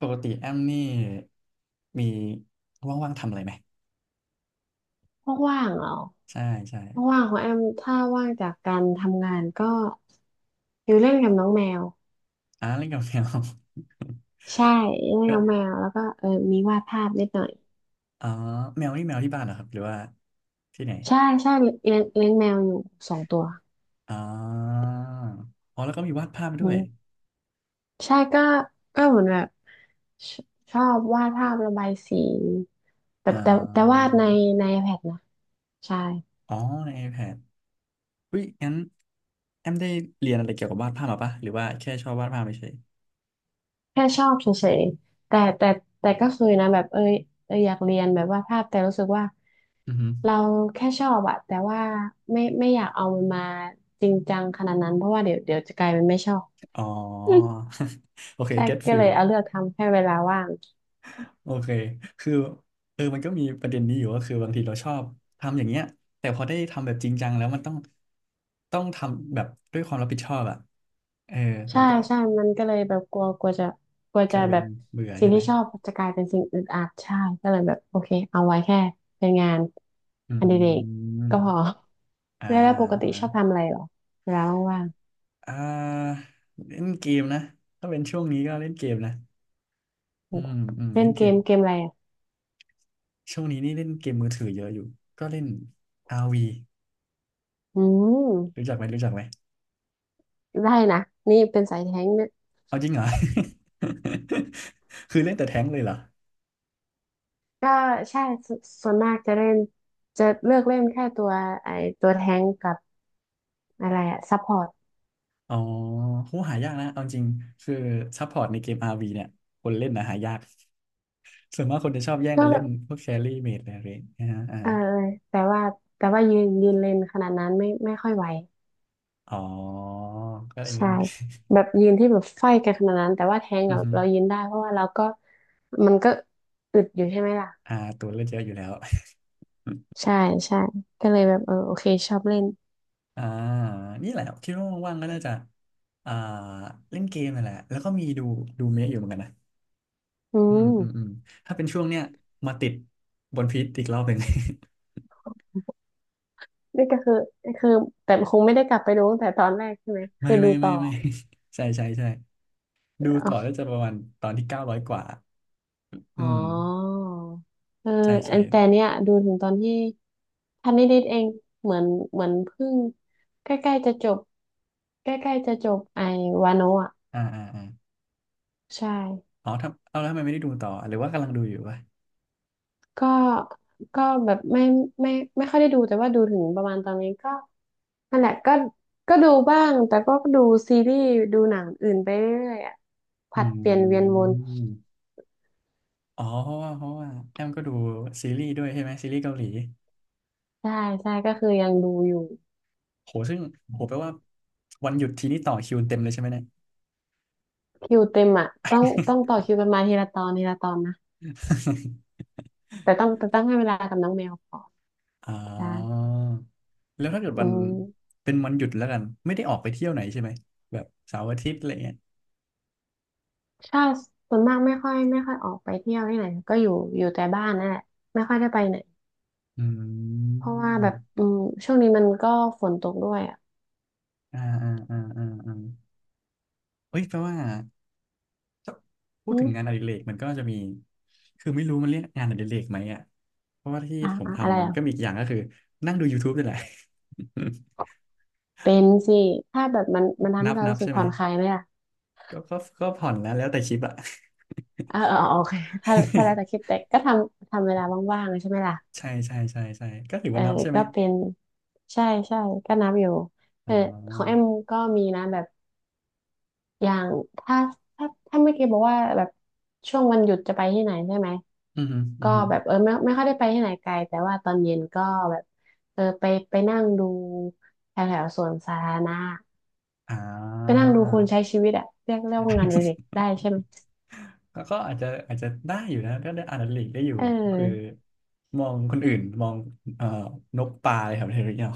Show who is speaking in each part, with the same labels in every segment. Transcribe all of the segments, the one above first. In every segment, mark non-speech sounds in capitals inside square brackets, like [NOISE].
Speaker 1: ปกติแอมนี่มีว่างๆทำอะไรไหม
Speaker 2: ว่างๆเหรอ
Speaker 1: ใช่ใช่
Speaker 2: ว่างๆของแอมถ้าว่างจากการทำงานก็อยู่เล่นกับน้องแมว
Speaker 1: เล่นกับแมว [LAUGHS]
Speaker 2: ใช่เล่น
Speaker 1: ก็
Speaker 2: กับแมวแล้วก็มีวาดภาพนิดหน่อย
Speaker 1: อ๋อแมวนี่แมวที่บ้านเหรอครับหรือว่าที่ไหน
Speaker 2: ใช่ใช่เลี้ยงแมวอยู่สองตัว
Speaker 1: อ๋ออ๋อแล้วก็มีวาดภาพด้
Speaker 2: อื
Speaker 1: วย
Speaker 2: มใช่ก็เหมือนแบบชชอบวาดภาพระบายสีแต่
Speaker 1: อ๋
Speaker 2: แต่แต่วา
Speaker 1: อ
Speaker 2: ดในiPad นะใช่
Speaker 1: อ๋อใน iPad อุ้ยงั้นแอมได้เรียนอะไรเกี่ยวกับวาดภาพมาปะหรือว่าแค่ชอบวาดภาพเฉย
Speaker 2: แค่ชอบเฉยๆแต่ก็เคยนะแบบเอยอยากเรียนแบบวาภาพแต่รู้สึกว่า
Speaker 1: ๆอือฮึ
Speaker 2: เราแค่ชอบอะแต่ว่าไม่อยากเอามันมาจริงจังขนาดนั้นเพราะว่าเดี๋ยวจะกลายเป็นไม่ชอบ
Speaker 1: อ๋อ [LAUGHS] โอเค
Speaker 2: [LAUGHS] ใช่
Speaker 1: get
Speaker 2: ก็เล
Speaker 1: feel
Speaker 2: ยเอาเลือกทำแค่เวลาว่าง
Speaker 1: โอเคคือเออมันก็มีประเด็นนี้อยู่ก็คือบางทีเราชอบทำอย่างเงี้ยแต่พอได้ทำแบบจริงจังแล้วมันต้อง ต้องทำแบบด้วยความรับผิดชอบอ่ะเออ
Speaker 2: ใช่
Speaker 1: มันก็
Speaker 2: ใช่มันก็เลยแบบกลัวกลัวจะกลัว
Speaker 1: ก
Speaker 2: จะ
Speaker 1: ลายเป็
Speaker 2: แบ
Speaker 1: น
Speaker 2: บ
Speaker 1: เบื่อ
Speaker 2: สิ่ง
Speaker 1: ใช่ไหม
Speaker 2: ที่ชอบจะกลายเป็นสิ่งอึดอัดใช่ก็เลยแบบโอเคเอาไว้แค่เป็นงาน
Speaker 1: อื
Speaker 2: อดิเรกก็พอ
Speaker 1: มอ่า
Speaker 2: [LAUGHS] แล้วปกติชอบ
Speaker 1: อ่า
Speaker 2: ทำอะไรเหรอเวลาว่างๆ
Speaker 1: อ่าเล่นเกมนะถ้าเป็นช่วงนี้ก็เล่นเกมนะอืมอืม
Speaker 2: เล่
Speaker 1: เล่
Speaker 2: น
Speaker 1: นเก
Speaker 2: เก
Speaker 1: ม
Speaker 2: มเกมอะไรอ่ะ
Speaker 1: ช่วงนี้นี่เล่นเกมมือถือเยอะอยู่ก็เล่น RV รวี
Speaker 2: อื
Speaker 1: รู้
Speaker 2: ม
Speaker 1: จักไหมรู้จักไหม
Speaker 2: ได้นะนี่เป็นสายแท้งค์เนี่ย
Speaker 1: เอาจริงเหรอ [LAUGHS] คือเล่นแต่แท้งเลยเหรอ
Speaker 2: ก็ใช่สส่วนมากจะเล่นจะเลือกเล่นแค่ตัวไอตัวแท้งค์กับอะไรอะซัพพอร์ต
Speaker 1: อ๋อผูหหายากนะเอาจริงคือซัพพอร์ตในเกม RV เนี่ยคนเล่นนะหายาก [LAUGHS] ส่วนมากคนจะชอบแย่ง
Speaker 2: ก็
Speaker 1: กัน
Speaker 2: แบ
Speaker 1: เล่น
Speaker 2: บ
Speaker 1: พวกแครี่เมจอะไรอย่างเงี้ยนะฮะ
Speaker 2: เออแต่ว่าแต่ว่ายืนยืนเลนขนาดนั้นไม่ค่อยไหว
Speaker 1: อ๋อก็อยนนี้
Speaker 2: ใช่แบบยืนที่แบบไฟกันขนาดนั้นแต่ว่าแทง
Speaker 1: [LAUGHS] อื
Speaker 2: กั
Speaker 1: อ
Speaker 2: บ
Speaker 1: ฮึ
Speaker 2: เรายืนได้เพราะว่าเราก็มันก็อึดอยู่ใช่ไหมล่ะ
Speaker 1: ตัวเล่นเยอะอยู่แล้ว [LAUGHS]
Speaker 2: ใช่ใช่ก็เลยแบบเออโอเคชอบเล่น
Speaker 1: อ่านี่แหละคิดว่าว่างๆก็น่าจะอ่าเล่นเกมนั่นแหละแล้วก็มีดูดูเมะอยู่เหมือนกันนะ
Speaker 2: อื
Speaker 1: อืม
Speaker 2: ม
Speaker 1: ถ้าเป็นช่วงเนี้ยมาติดบนพีทอีกรอบหนึ่ง
Speaker 2: นี่ก็คือคือแต่คงไม่ได้กลับไปดูตั้งแต่ตอนแรกใช่ไหม
Speaker 1: [LAUGHS] ไม่
Speaker 2: คือดู
Speaker 1: ไม่
Speaker 2: ต่
Speaker 1: ไม่
Speaker 2: อ
Speaker 1: ไม่ [LAUGHS] ใช่ใช่ใช่
Speaker 2: เอ
Speaker 1: ดู
Speaker 2: ๋
Speaker 1: ต่อ
Speaker 2: อ
Speaker 1: แล้วจะประมาณตอนที่เก้าร้อยกว่าอื
Speaker 2: ๋อ
Speaker 1: ม
Speaker 2: เออ
Speaker 1: ใช่ใช่
Speaker 2: อันเนี้ยดูถึงตอนที่พันนิดๆเอง เหมือนเหมือนเพิ่งใกล้ๆจะจบใกล้ๆจะจบวาโนะอ่ะ
Speaker 1: อ่า
Speaker 2: ใช่
Speaker 1: อ๋อทำเอาแล้วทำไมไม่ได้ดูต่อหรือว่ากำลังดูอยู่วะ
Speaker 2: ก็แบบไม่ไม่ไม่ค่อยได้ดูแต่ว่าดูถึงประมาณตอนนี้ก็นั่นแหละก็ก็ดูบ้างแต่ก็ดูซีรีส์ดูหนังอื่นไปเรื่อยๆอ่ะ
Speaker 1: อ
Speaker 2: ผัดเปลี่ยนเวีย
Speaker 1: ื
Speaker 2: นวน
Speaker 1: มอ๋อเพราะว่าแอมก็ดูซีรีส์ด้วยใช่ไหมซีรีส์เกาหลี
Speaker 2: ใช่ใช่ก็คือยังดูอยู่
Speaker 1: โหซึ่งโหแปลว่าวันหยุดทีนี้ต่อคิวเต็มเลยใช่ไหมเนี่ย
Speaker 2: คิวเต็มอ่ะต้องต่อคิวกันมาทีละตอนทีละตอนนะ
Speaker 1: [LAUGHS]
Speaker 2: แต่ต้องให้เวลากับน้องแมวก่อน
Speaker 1: อ๋
Speaker 2: ใช่
Speaker 1: อแล้วถ้าเกิด
Speaker 2: อื
Speaker 1: วัน
Speaker 2: ม
Speaker 1: เป็นวันหยุดแล้วกันไม่ได้ออกไปเที่ยวไหนใช่ไหมแบบเสาร์อาทิตย์อะไรเงี้ย
Speaker 2: ชาส่วนมากไม่ค่อยออกไปเที่ยวที่ไหนก็อยู่อยู่แต่บ้านนั่นแหละไม่ค่อยได้ไปไหน
Speaker 1: อื
Speaker 2: เพราะว่าแบบ
Speaker 1: ม
Speaker 2: อืมช่วงนี้มันก็ฝนตกด้วยอ่ะ
Speaker 1: อ่าเฮ้ยแปลว่า ถ้าพูด
Speaker 2: อื
Speaker 1: ถึ
Speaker 2: ม
Speaker 1: งงานอดิเรกมันก็จะมีคือไม่รู้มันเรียกงานอดิเรกไหมอ่ะเพราะว่าที่
Speaker 2: อ่า
Speaker 1: ผม
Speaker 2: อะอะไร
Speaker 1: ทำมัน
Speaker 2: อ่ะ
Speaker 1: ก็มีอีกอย่างก็คือนั่งดูยูทูบนี่แหละ
Speaker 2: เป็นสิถ้าแบบมันมัน
Speaker 1: [LAUGHS]
Speaker 2: ทำ
Speaker 1: นั
Speaker 2: ให้
Speaker 1: บ
Speaker 2: เรา
Speaker 1: นับ
Speaker 2: รู้สึก
Speaker 1: ใช่ไหม
Speaker 2: ผ่อนคลายไหมล่ะ
Speaker 1: ก็ผ่อนแล้วแล้วแต่ชิปอ่ะ
Speaker 2: อ่าเออเออโอเคถ้าแล้วแต่คิด
Speaker 1: [LAUGHS]
Speaker 2: แต่ก็ทำทำเวลาว่างๆใช่ไหมล่ะ
Speaker 1: ใช่ก็ถือ
Speaker 2: เออ
Speaker 1: ว่านับใช่ไหม
Speaker 2: ก็เป็นใช่ใช่ก็นับอยู่
Speaker 1: อ๋
Speaker 2: เออของแอ
Speaker 1: อ
Speaker 2: มก็มีนะแบบอย่างถ้าถ้าถ้าเมื่อกี้บอกว่าแบบช่วงวันหยุดจะไปที่ไหนใช่ไหม
Speaker 1: อือฮึอื
Speaker 2: ก็
Speaker 1: อฮึ
Speaker 2: แบบเออไม่ค่อยได้ไปที่ไหนไกลแต่ว่าตอนเย็นก็แบบเออไปไปนั่งดูแถวแถวสวนสาธารณะ
Speaker 1: อ่
Speaker 2: ไปนั่
Speaker 1: า
Speaker 2: งดูคนใช้ชีวิตอะเรียกว่างานอดิเรก
Speaker 1: [LAUGHS]
Speaker 2: ได้ใช่ไหม
Speaker 1: ก็อาจจะอาจจะได้อยู่นะก็ได้อ่านอดิเรกได้อยู่
Speaker 2: เ
Speaker 1: ก็คือ
Speaker 2: ออ
Speaker 1: มองคนอื่นมองเอ่อนกปลาอะไรแบบนี้หรือเปล่า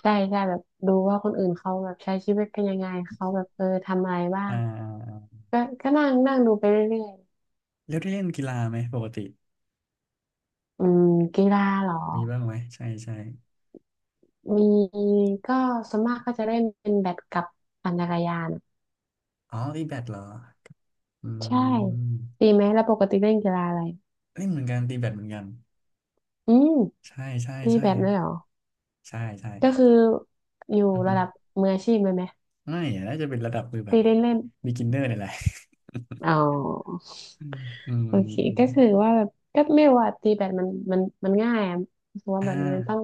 Speaker 2: ใช่ใช่แบบดูว่าคนอื่นเขาแบบใช้ชีวิตกันยังไงเขาแบบเออทำอะไรบ้า
Speaker 1: อ่
Speaker 2: ง
Speaker 1: า
Speaker 2: ก็ก็นั่งนั่งดูไปเรื่อยๆ
Speaker 1: แล้วได้เล่นกีฬาไหมปกติ
Speaker 2: อืมกีฬาเหรอ
Speaker 1: มีบ้างไหมใช่ใช่
Speaker 2: มีก็ส่วนมากก็จะเล่นเป็นแบดกับปั่นจักรยาน
Speaker 1: อ๋อตีแบดเหรออื
Speaker 2: ใช่ตี
Speaker 1: ม
Speaker 2: ไหมแล้วปกติเล่นกีฬาอะไร
Speaker 1: เล่นเหมือนกันตีแบดเหมือนกัน
Speaker 2: อืม
Speaker 1: ใช่ใช่
Speaker 2: ตี
Speaker 1: ใช่
Speaker 2: แบดเลยเหรอ
Speaker 1: ใช่
Speaker 2: ก็คืออยู่
Speaker 1: อือฮึ
Speaker 2: ระดับมืออาชีพเลยไหม
Speaker 1: ไม่อะน่าจะเป็นระดับมือแบ
Speaker 2: ตี
Speaker 1: บ
Speaker 2: เล่นเล่น
Speaker 1: b e กินเนอร์นี่ยแหละ [LAUGHS]
Speaker 2: อ๋อ
Speaker 1: อืมอืม
Speaker 2: โอ
Speaker 1: อืม
Speaker 2: เค
Speaker 1: อืม
Speaker 2: ก็คือว่าแบบก็ไม่ว่าตีแบดมันมันง่ายอะเพราะว่า
Speaker 1: อ่า
Speaker 2: แบบมันต้อง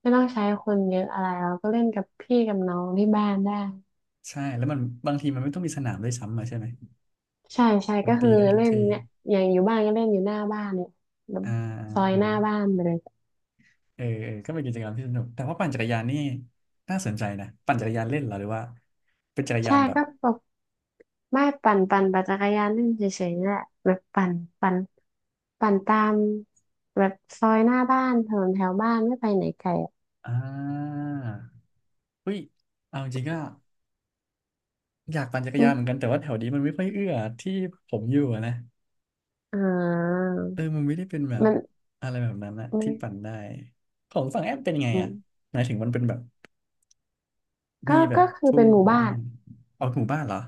Speaker 2: ไม่ต้องใช้คนเยอะอะไรเราก็เล่นกับพี่กับน้องที่บ้านได้
Speaker 1: ใช่แล้วมันบางทีมันไม่ต้องมีสนามด้วยซ้ำอะใช่ไหม
Speaker 2: ใช่ใช่
Speaker 1: มัน
Speaker 2: ก็คื
Speaker 1: ตี
Speaker 2: อ
Speaker 1: ได้ทุก
Speaker 2: เล่น
Speaker 1: ที
Speaker 2: เนี่ยอย่างอยู่บ้านก็เล่นอยู่หน้าบ้านเนี่ยแบบ
Speaker 1: อ่า
Speaker 2: ซอย
Speaker 1: อ่า
Speaker 2: หน้าบ้านไปเลย
Speaker 1: เออเออก็เป็นกิจกรรมที่สนุกแต่ว่าปั่นจักรยานนี่น่าสนใจนะปั่นจักรยานเล่นเหรอหรือว่าเป็นจักรยา
Speaker 2: ใช่
Speaker 1: นแบบ
Speaker 2: ก็แบบไม่ปั่นปั่นจักรยานเล่นเฉยๆนี่แหละแบบปั่นปั่นปั่นตามแบบซอยหน้าบ้านถนนแถวบ้านไม่ไปไหนไกลอะ
Speaker 1: อ่าเฮ้ยเอาจริงๆก็ อยากปั่นจักร
Speaker 2: อื
Speaker 1: ยานเหมือน
Speaker 2: ม
Speaker 1: กันแต่ว่าแถวนี้มันไม่ค่อยเอื้อที่ผมอยู่อะนะ
Speaker 2: อ่า
Speaker 1: เออมันไม่ได้เป็นแบบ
Speaker 2: มัน
Speaker 1: อะไรแบบนั้นนะ
Speaker 2: มัน
Speaker 1: ที่ปั่นได้ของฝั่งแอมเป็นไง
Speaker 2: อื
Speaker 1: อ่ะ
Speaker 2: ม
Speaker 1: หมายถึงมันเป็นแบบมี
Speaker 2: ก็
Speaker 1: แบบ
Speaker 2: คือ
Speaker 1: ทุ่
Speaker 2: เป็
Speaker 1: ง
Speaker 2: นหมู่บ้า
Speaker 1: อ่า
Speaker 2: น
Speaker 1: เอาหมู่บ้านเหรอ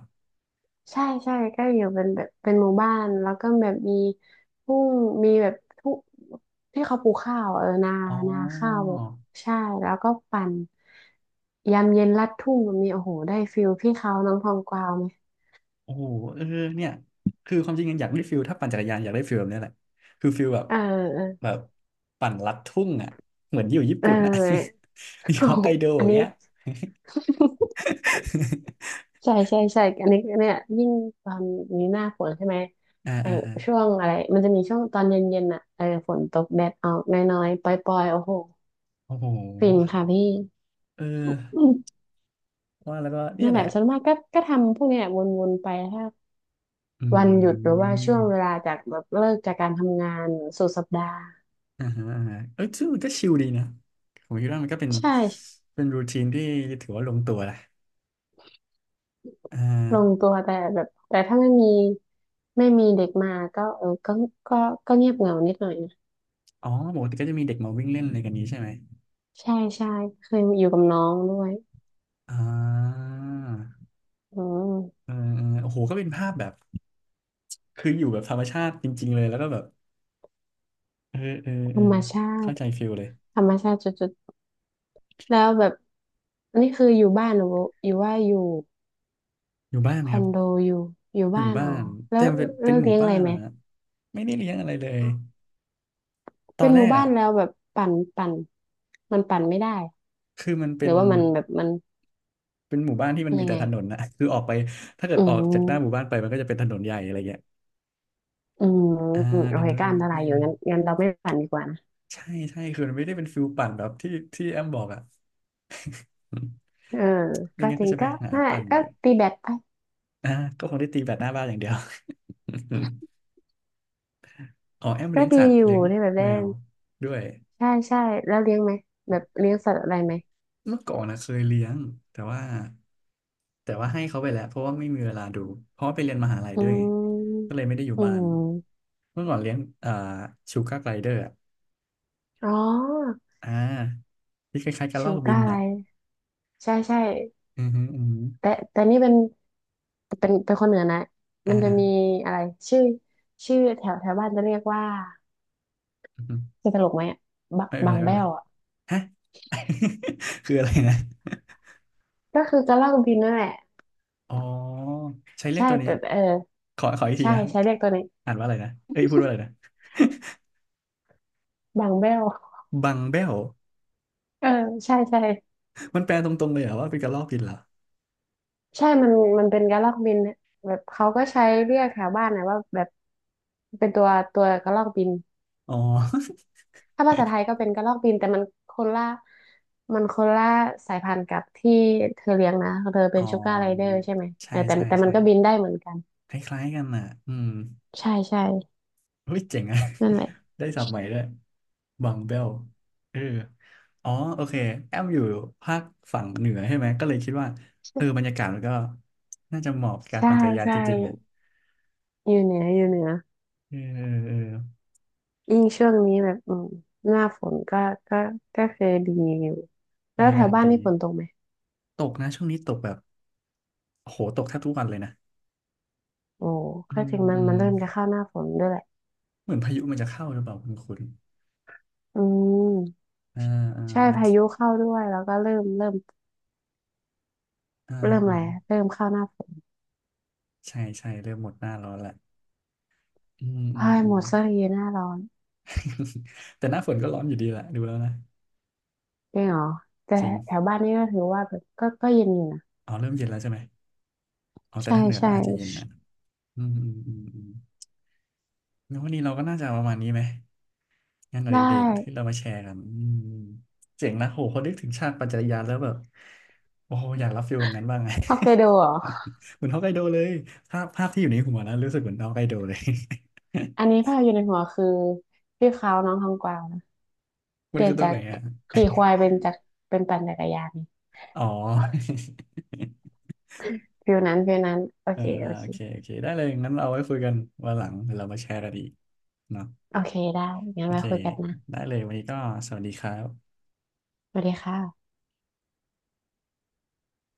Speaker 2: ใช่ใช่ก็อยู่เป็นแบบเป็นหมู่บ้านแล้วก็แบบมีทุ่งมีแบบทุ่งที่เขาปลูกข้าวเออนา
Speaker 1: อ๋อ
Speaker 2: นาข้าวแบบใช่แล้วก็ปั่นยามเย็นลัดทุ่งแบบนี้โอ้โหได้ฟิลพี่เขาน้องทองกวาวไหม
Speaker 1: โอ้โหเออเนี่ยคือความจริงอยากได้ฟิลถ้าปั่นจักรยานอยากได้ฟิลแบบนี้แหละคือฟิลแบบ
Speaker 2: เออเออ
Speaker 1: แบบปั่นลัดทุ่งอ่ะเหมือนอยู่ญี่
Speaker 2: เอ
Speaker 1: ปุ่นอ่ะ
Speaker 2: อ
Speaker 1: [LAUGHS] อยู่
Speaker 2: โอ้
Speaker 1: ฮอก
Speaker 2: โห
Speaker 1: ไกโด
Speaker 2: อั
Speaker 1: อ
Speaker 2: น
Speaker 1: ย่าง
Speaker 2: นี้
Speaker 1: เงี้ย [LAUGHS]
Speaker 2: ใช่ใช่ใช่อันนี้เนี่ยยิ่งตอนนี้หน้าฝนใช่ไหม
Speaker 1: อ่า
Speaker 2: ไอ
Speaker 1: อ่าอ่า
Speaker 2: ช่วงอะไรมันจะมีช่วงตอนเย็นๆน่ะเออฝนตกแดดออกน้อยๆปล่อยๆโอ้โห
Speaker 1: โอ้โห
Speaker 2: ฟินค่ะพี่
Speaker 1: เออ
Speaker 2: อืม
Speaker 1: ว่าแล้วก็เนี่
Speaker 2: นั่
Speaker 1: ย
Speaker 2: น
Speaker 1: แห
Speaker 2: แห
Speaker 1: ละ
Speaker 2: ละส่วนมากก็ทำพวกเนี้ยวนๆไปถ้า
Speaker 1: อื
Speaker 2: วันหยุดหรือว่าช่วงเว
Speaker 1: ม
Speaker 2: ลาจากแบบเลิกจากการทำงานสุดสัปดาห์
Speaker 1: อ่าฮะอ่าฮะเอ้ยซึ่งมันก็ชิลดีนะผมคิดว่ามันก็เป็น
Speaker 2: ใช่
Speaker 1: เป็นรูทีนที่ถือว่าลงตัวแหละอ่
Speaker 2: ลง
Speaker 1: า
Speaker 2: ตัวแต่แบบแต่ถ้าไม่มีเด็กมาก็เออก็ก็เงียบเหงานิดหน่อยนะ
Speaker 1: อ๋อปกติก็จะมีเด็กมาวิ่งเล่นอะไรกันนี้ใช่ไหม
Speaker 2: ใช่ใช่เคยอยู่กับน้องด้วย
Speaker 1: อ่า
Speaker 2: อืม
Speaker 1: เออเออโอ้โหก็เป็นภาพแบบคืออยู่แบบธรรมชาติจริงๆเลยแล้วก็แบบเออเออ
Speaker 2: ธ
Speaker 1: เอ
Speaker 2: ร
Speaker 1: อ
Speaker 2: รมชา
Speaker 1: เข้า
Speaker 2: ติ
Speaker 1: ใจฟิลเลย
Speaker 2: ธรรมชาติจุดๆแล้วแบบอันนี้คืออยู่บ้านหรืออยู่ว่าอยู่
Speaker 1: อยู่บ้านไห
Speaker 2: ค
Speaker 1: ม
Speaker 2: อ
Speaker 1: ครับ
Speaker 2: นโดอยู่อยู่
Speaker 1: อยู่
Speaker 2: บ้าน
Speaker 1: บ้า
Speaker 2: อ๋อ
Speaker 1: น
Speaker 2: แล้
Speaker 1: แต่
Speaker 2: ว
Speaker 1: มันเป็นเป็นหมู่
Speaker 2: เลี้ยงอะ
Speaker 1: บ้า
Speaker 2: ไร
Speaker 1: น
Speaker 2: ไหม
Speaker 1: อะไม่ได้เลี้ยงอะไรเลยตอ
Speaker 2: เป็น
Speaker 1: น
Speaker 2: ห
Speaker 1: แร
Speaker 2: มู่
Speaker 1: ก
Speaker 2: บ้า
Speaker 1: อ่ะ
Speaker 2: นแล้วแบบปั่นมันปั่นไม่ได้
Speaker 1: คือมัน
Speaker 2: ห
Speaker 1: เป็
Speaker 2: รื
Speaker 1: น
Speaker 2: อว่ามันแบบมัน
Speaker 1: เป็นหมู่บ้านที่มั
Speaker 2: เป็
Speaker 1: น
Speaker 2: น
Speaker 1: มี
Speaker 2: ยัง
Speaker 1: แต่
Speaker 2: ไง
Speaker 1: ถนนนะ [LAUGHS] คือออกไปถ้าเกิ
Speaker 2: อื
Speaker 1: ดออกจากหน้าหมู่
Speaker 2: ม
Speaker 1: บ้านไปมันก็จะเป็นถนนใหญ่อะไรเงี้ย
Speaker 2: อืม
Speaker 1: อ่า
Speaker 2: โอ
Speaker 1: ดัง
Speaker 2: เค
Speaker 1: นั้น
Speaker 2: ก็
Speaker 1: ไม
Speaker 2: อันตราย
Speaker 1: ่
Speaker 2: อยู่
Speaker 1: มี
Speaker 2: งั้นงั้นเราไม่ปั่นดีกว่านะ
Speaker 1: ใช่ใช่คือมันไม่ได้เป็นฟิลปั่นแบบที่แอมบอกอ่ะอืม
Speaker 2: เออ
Speaker 1: ไม่
Speaker 2: ก็
Speaker 1: งั้น
Speaker 2: จ
Speaker 1: ก็
Speaker 2: ริง
Speaker 1: จะไป
Speaker 2: ก็
Speaker 1: หา
Speaker 2: น่า
Speaker 1: ปั่น
Speaker 2: ก็
Speaker 1: เดี๋ยว
Speaker 2: ตีแบดไป
Speaker 1: อ่าก็คงได้ตีแบดหน้าบ้านอย่างเดียว [LAUGHS] อ๋อแอม
Speaker 2: ก็
Speaker 1: เลี้ยง
Speaker 2: ดี
Speaker 1: สัตว์
Speaker 2: อยู่
Speaker 1: เลี้ยง
Speaker 2: ที่แบบ
Speaker 1: แม
Speaker 2: เล่น
Speaker 1: วด้วย
Speaker 2: ใช่ใช่แล้วเลี้ยงไหมแบบเลี้ยงสัตว์อะไรไหม
Speaker 1: เมื่อก่อนนะเคยเลี้ยงแต่ว่าแต่ว่าให้เขาไปแล้วเพราะว่าไม่มีเวลาดูเพราะว่าไปเรียนมหาลัย
Speaker 2: อื
Speaker 1: ด้วยก็
Speaker 2: ม
Speaker 1: เลยไม่ได้อยู่
Speaker 2: อื
Speaker 1: บ้าน
Speaker 2: ม
Speaker 1: เมื่อก่อนเลี้ยงอ่าชูการ์ไกลเดอร์อ่ะ
Speaker 2: อ๋อ
Speaker 1: อ่าที่คล้ายๆกับล
Speaker 2: ชู
Speaker 1: อกบิ
Speaker 2: ก้า
Speaker 1: น
Speaker 2: อะไร
Speaker 1: น่ะ
Speaker 2: ใช่ใช่
Speaker 1: อือฮึอือฮึ
Speaker 2: แต่นี่เป็นเป็นคนเหนือนะ
Speaker 1: อ่า
Speaker 2: มันจะมี
Speaker 1: อ่า
Speaker 2: อะไรชื่อชื่อแถวแถวบ้านจะเรียกว่า
Speaker 1: อือฮึ
Speaker 2: จะตลกไหมอะบะ
Speaker 1: ไม่เป็น
Speaker 2: บา
Speaker 1: ไร
Speaker 2: ง
Speaker 1: ไม่เป็
Speaker 2: แบ้
Speaker 1: นไร
Speaker 2: วอ่ะ
Speaker 1: ฮะ [LAUGHS] คืออะไรนะ [LAUGHS]
Speaker 2: ก็คือกระลอกบินนั่นแหละ
Speaker 1: อ๋อใช้เรียก
Speaker 2: ใช่
Speaker 1: ตัวนี้
Speaker 2: แต่เออ
Speaker 1: ขอขออีกที
Speaker 2: ใช่
Speaker 1: นะ
Speaker 2: ใช้เรียกตัวนี้
Speaker 1: อ่านว่าอะไรนะเอ้ยพูดว่าอะไรนะ [LAUGHS]
Speaker 2: บางแบ้ว
Speaker 1: บังเบล
Speaker 2: เออใช่ใช่
Speaker 1: มันแปลตรงๆเลยเหรอว่าเป็นกระรอกกินเหรอ
Speaker 2: ใช่มันเป็นกระรอกบินเนี่ยแบบเขาก็ใช้เรียกแถวบ้านนะว่าแบบเป็นตัวกระรอกบิน
Speaker 1: อ๋อ
Speaker 2: ถ้าภาษาไทยก็เป็นกระรอกบินแต่คนละมันคนละสายพันธุ์กับที่เธอเลี้ยงนะเธอ
Speaker 1: [LAUGHS]
Speaker 2: เป็
Speaker 1: อ๋
Speaker 2: น
Speaker 1: อ
Speaker 2: ชูการ์ไรเดอร์ใช่ไหม
Speaker 1: ใช่
Speaker 2: เออแต่
Speaker 1: ใช่
Speaker 2: แต่มั
Speaker 1: ใช่
Speaker 2: นก็บินได้เหมือนกัน
Speaker 1: คล้ายๆกันน่ะอืม
Speaker 2: ใช่ใช่
Speaker 1: เฮ้ยเจ๋งอะ
Speaker 2: นั่นแหละ
Speaker 1: [LAUGHS] ได้ศัพท์ใหม่ด้วยบังเบลเอออ๋อโอเคแอมอยู่ภาคฝั่งเหนือใช่ไหมก็เลยคิดว่าเออ
Speaker 2: ใ
Speaker 1: บรรยากาศมันก็น่าจะเหมาะกับการ
Speaker 2: ช่
Speaker 1: ปั่นจักรยาน
Speaker 2: ใช่
Speaker 1: จริงๆอ่ะ
Speaker 2: อยู่เหนือ
Speaker 1: เออเออเออ
Speaker 2: ยิ่งช่วงนี้แบบอืมหน้าฝนก็ก็คือดีอยู่
Speaker 1: บ
Speaker 2: แล้
Speaker 1: ร
Speaker 2: ว
Speaker 1: รยา
Speaker 2: แถ
Speaker 1: กา
Speaker 2: ว
Speaker 1: ศ
Speaker 2: บ้าน
Speaker 1: ดี
Speaker 2: นี่ฝนตกไหม
Speaker 1: ตกนะช่วงนี้ตกแบบโอ้โหตกแทบทุกวันเลยนะ
Speaker 2: โอ้
Speaker 1: อื
Speaker 2: ก็จ
Speaker 1: ม
Speaker 2: ริง
Speaker 1: อื
Speaker 2: มั
Speaker 1: ม
Speaker 2: นเริ่มจะเข้าหน้าฝนด้วยแหละ
Speaker 1: เหมือนพายุมันจะเข้าหรือเปล่าคุณ
Speaker 2: อืม
Speaker 1: อ่าอ่า
Speaker 2: ใช่
Speaker 1: อ่
Speaker 2: พายุเข้าด้วยแล้วก็เริ่ม
Speaker 1: า
Speaker 2: เริ่มอะ
Speaker 1: อ่า
Speaker 2: ไรเริ่มเข้าหน้าฝน
Speaker 1: ใช่ใช่เริ่มหมดหน้าร้อนละอืมอืม
Speaker 2: พาย
Speaker 1: อื
Speaker 2: หม
Speaker 1: ม
Speaker 2: ดสักทีหน้าร้อน
Speaker 1: [LAUGHS] แต่หน้าฝนก็ร้อนอยู่ดีแหละดูแล้วนะ
Speaker 2: จริงเหรอแต่
Speaker 1: จริ
Speaker 2: แถ
Speaker 1: ง
Speaker 2: วบ้านนี่ก็ถือว่าแบบก็เย็นอยู่นะ
Speaker 1: อ๋อเริ่มเย็นแล้วใช่ไหม เอาแต่
Speaker 2: ใช่
Speaker 1: ถ้าเหนือก็
Speaker 2: ใช่
Speaker 1: อาจจะเย็นนะอืมอืมอืมอืมงั้นวันนี้เราก็น่าจะประมาณนี้ไหมงานอ
Speaker 2: ได้
Speaker 1: ดิเรกที่เรามาแชร์กันอืมเจ๋งนะโหพอนึกถึงชาติปัจจัยยานแล้วแบบโอ้โหอยากรับฟีลแบบนั้นบ้างไง
Speaker 2: ฮอกไกโดเหรอ
Speaker 1: [LAUGHS] เหมือนฮอกไกโดเลยภาพภาพที่อยู่ในหัวนะรู้สึกเหมือนฮอกไกโดเลย
Speaker 2: อันนี้ภาพอยู่ในหัวคือพี่เขาน้องทองกวาวนะ
Speaker 1: [LAUGHS] มั
Speaker 2: เป
Speaker 1: น
Speaker 2: ลี่ย
Speaker 1: คื
Speaker 2: น
Speaker 1: อตร
Speaker 2: จา
Speaker 1: งไหน
Speaker 2: ก
Speaker 1: อ่ะ
Speaker 2: ขี่ควายเป็นจากเป็นปั่นจักรยาน
Speaker 1: อ๋อ
Speaker 2: ฟิลนั้นโอ
Speaker 1: [LAUGHS] เออ
Speaker 2: เค
Speaker 1: อ่าโอเคโอเคได้เลยงั้นเราเอาไว้คุยกันวันหลังเดี๋ยวเรามาแชร์กันอีกเนาะ
Speaker 2: โอเคได้งั้
Speaker 1: โอ
Speaker 2: นไว้
Speaker 1: เค
Speaker 2: คุยกันนะ
Speaker 1: ได้เลยวันนี้ก็สวัสดีครับ
Speaker 2: สวัสดีค่ะ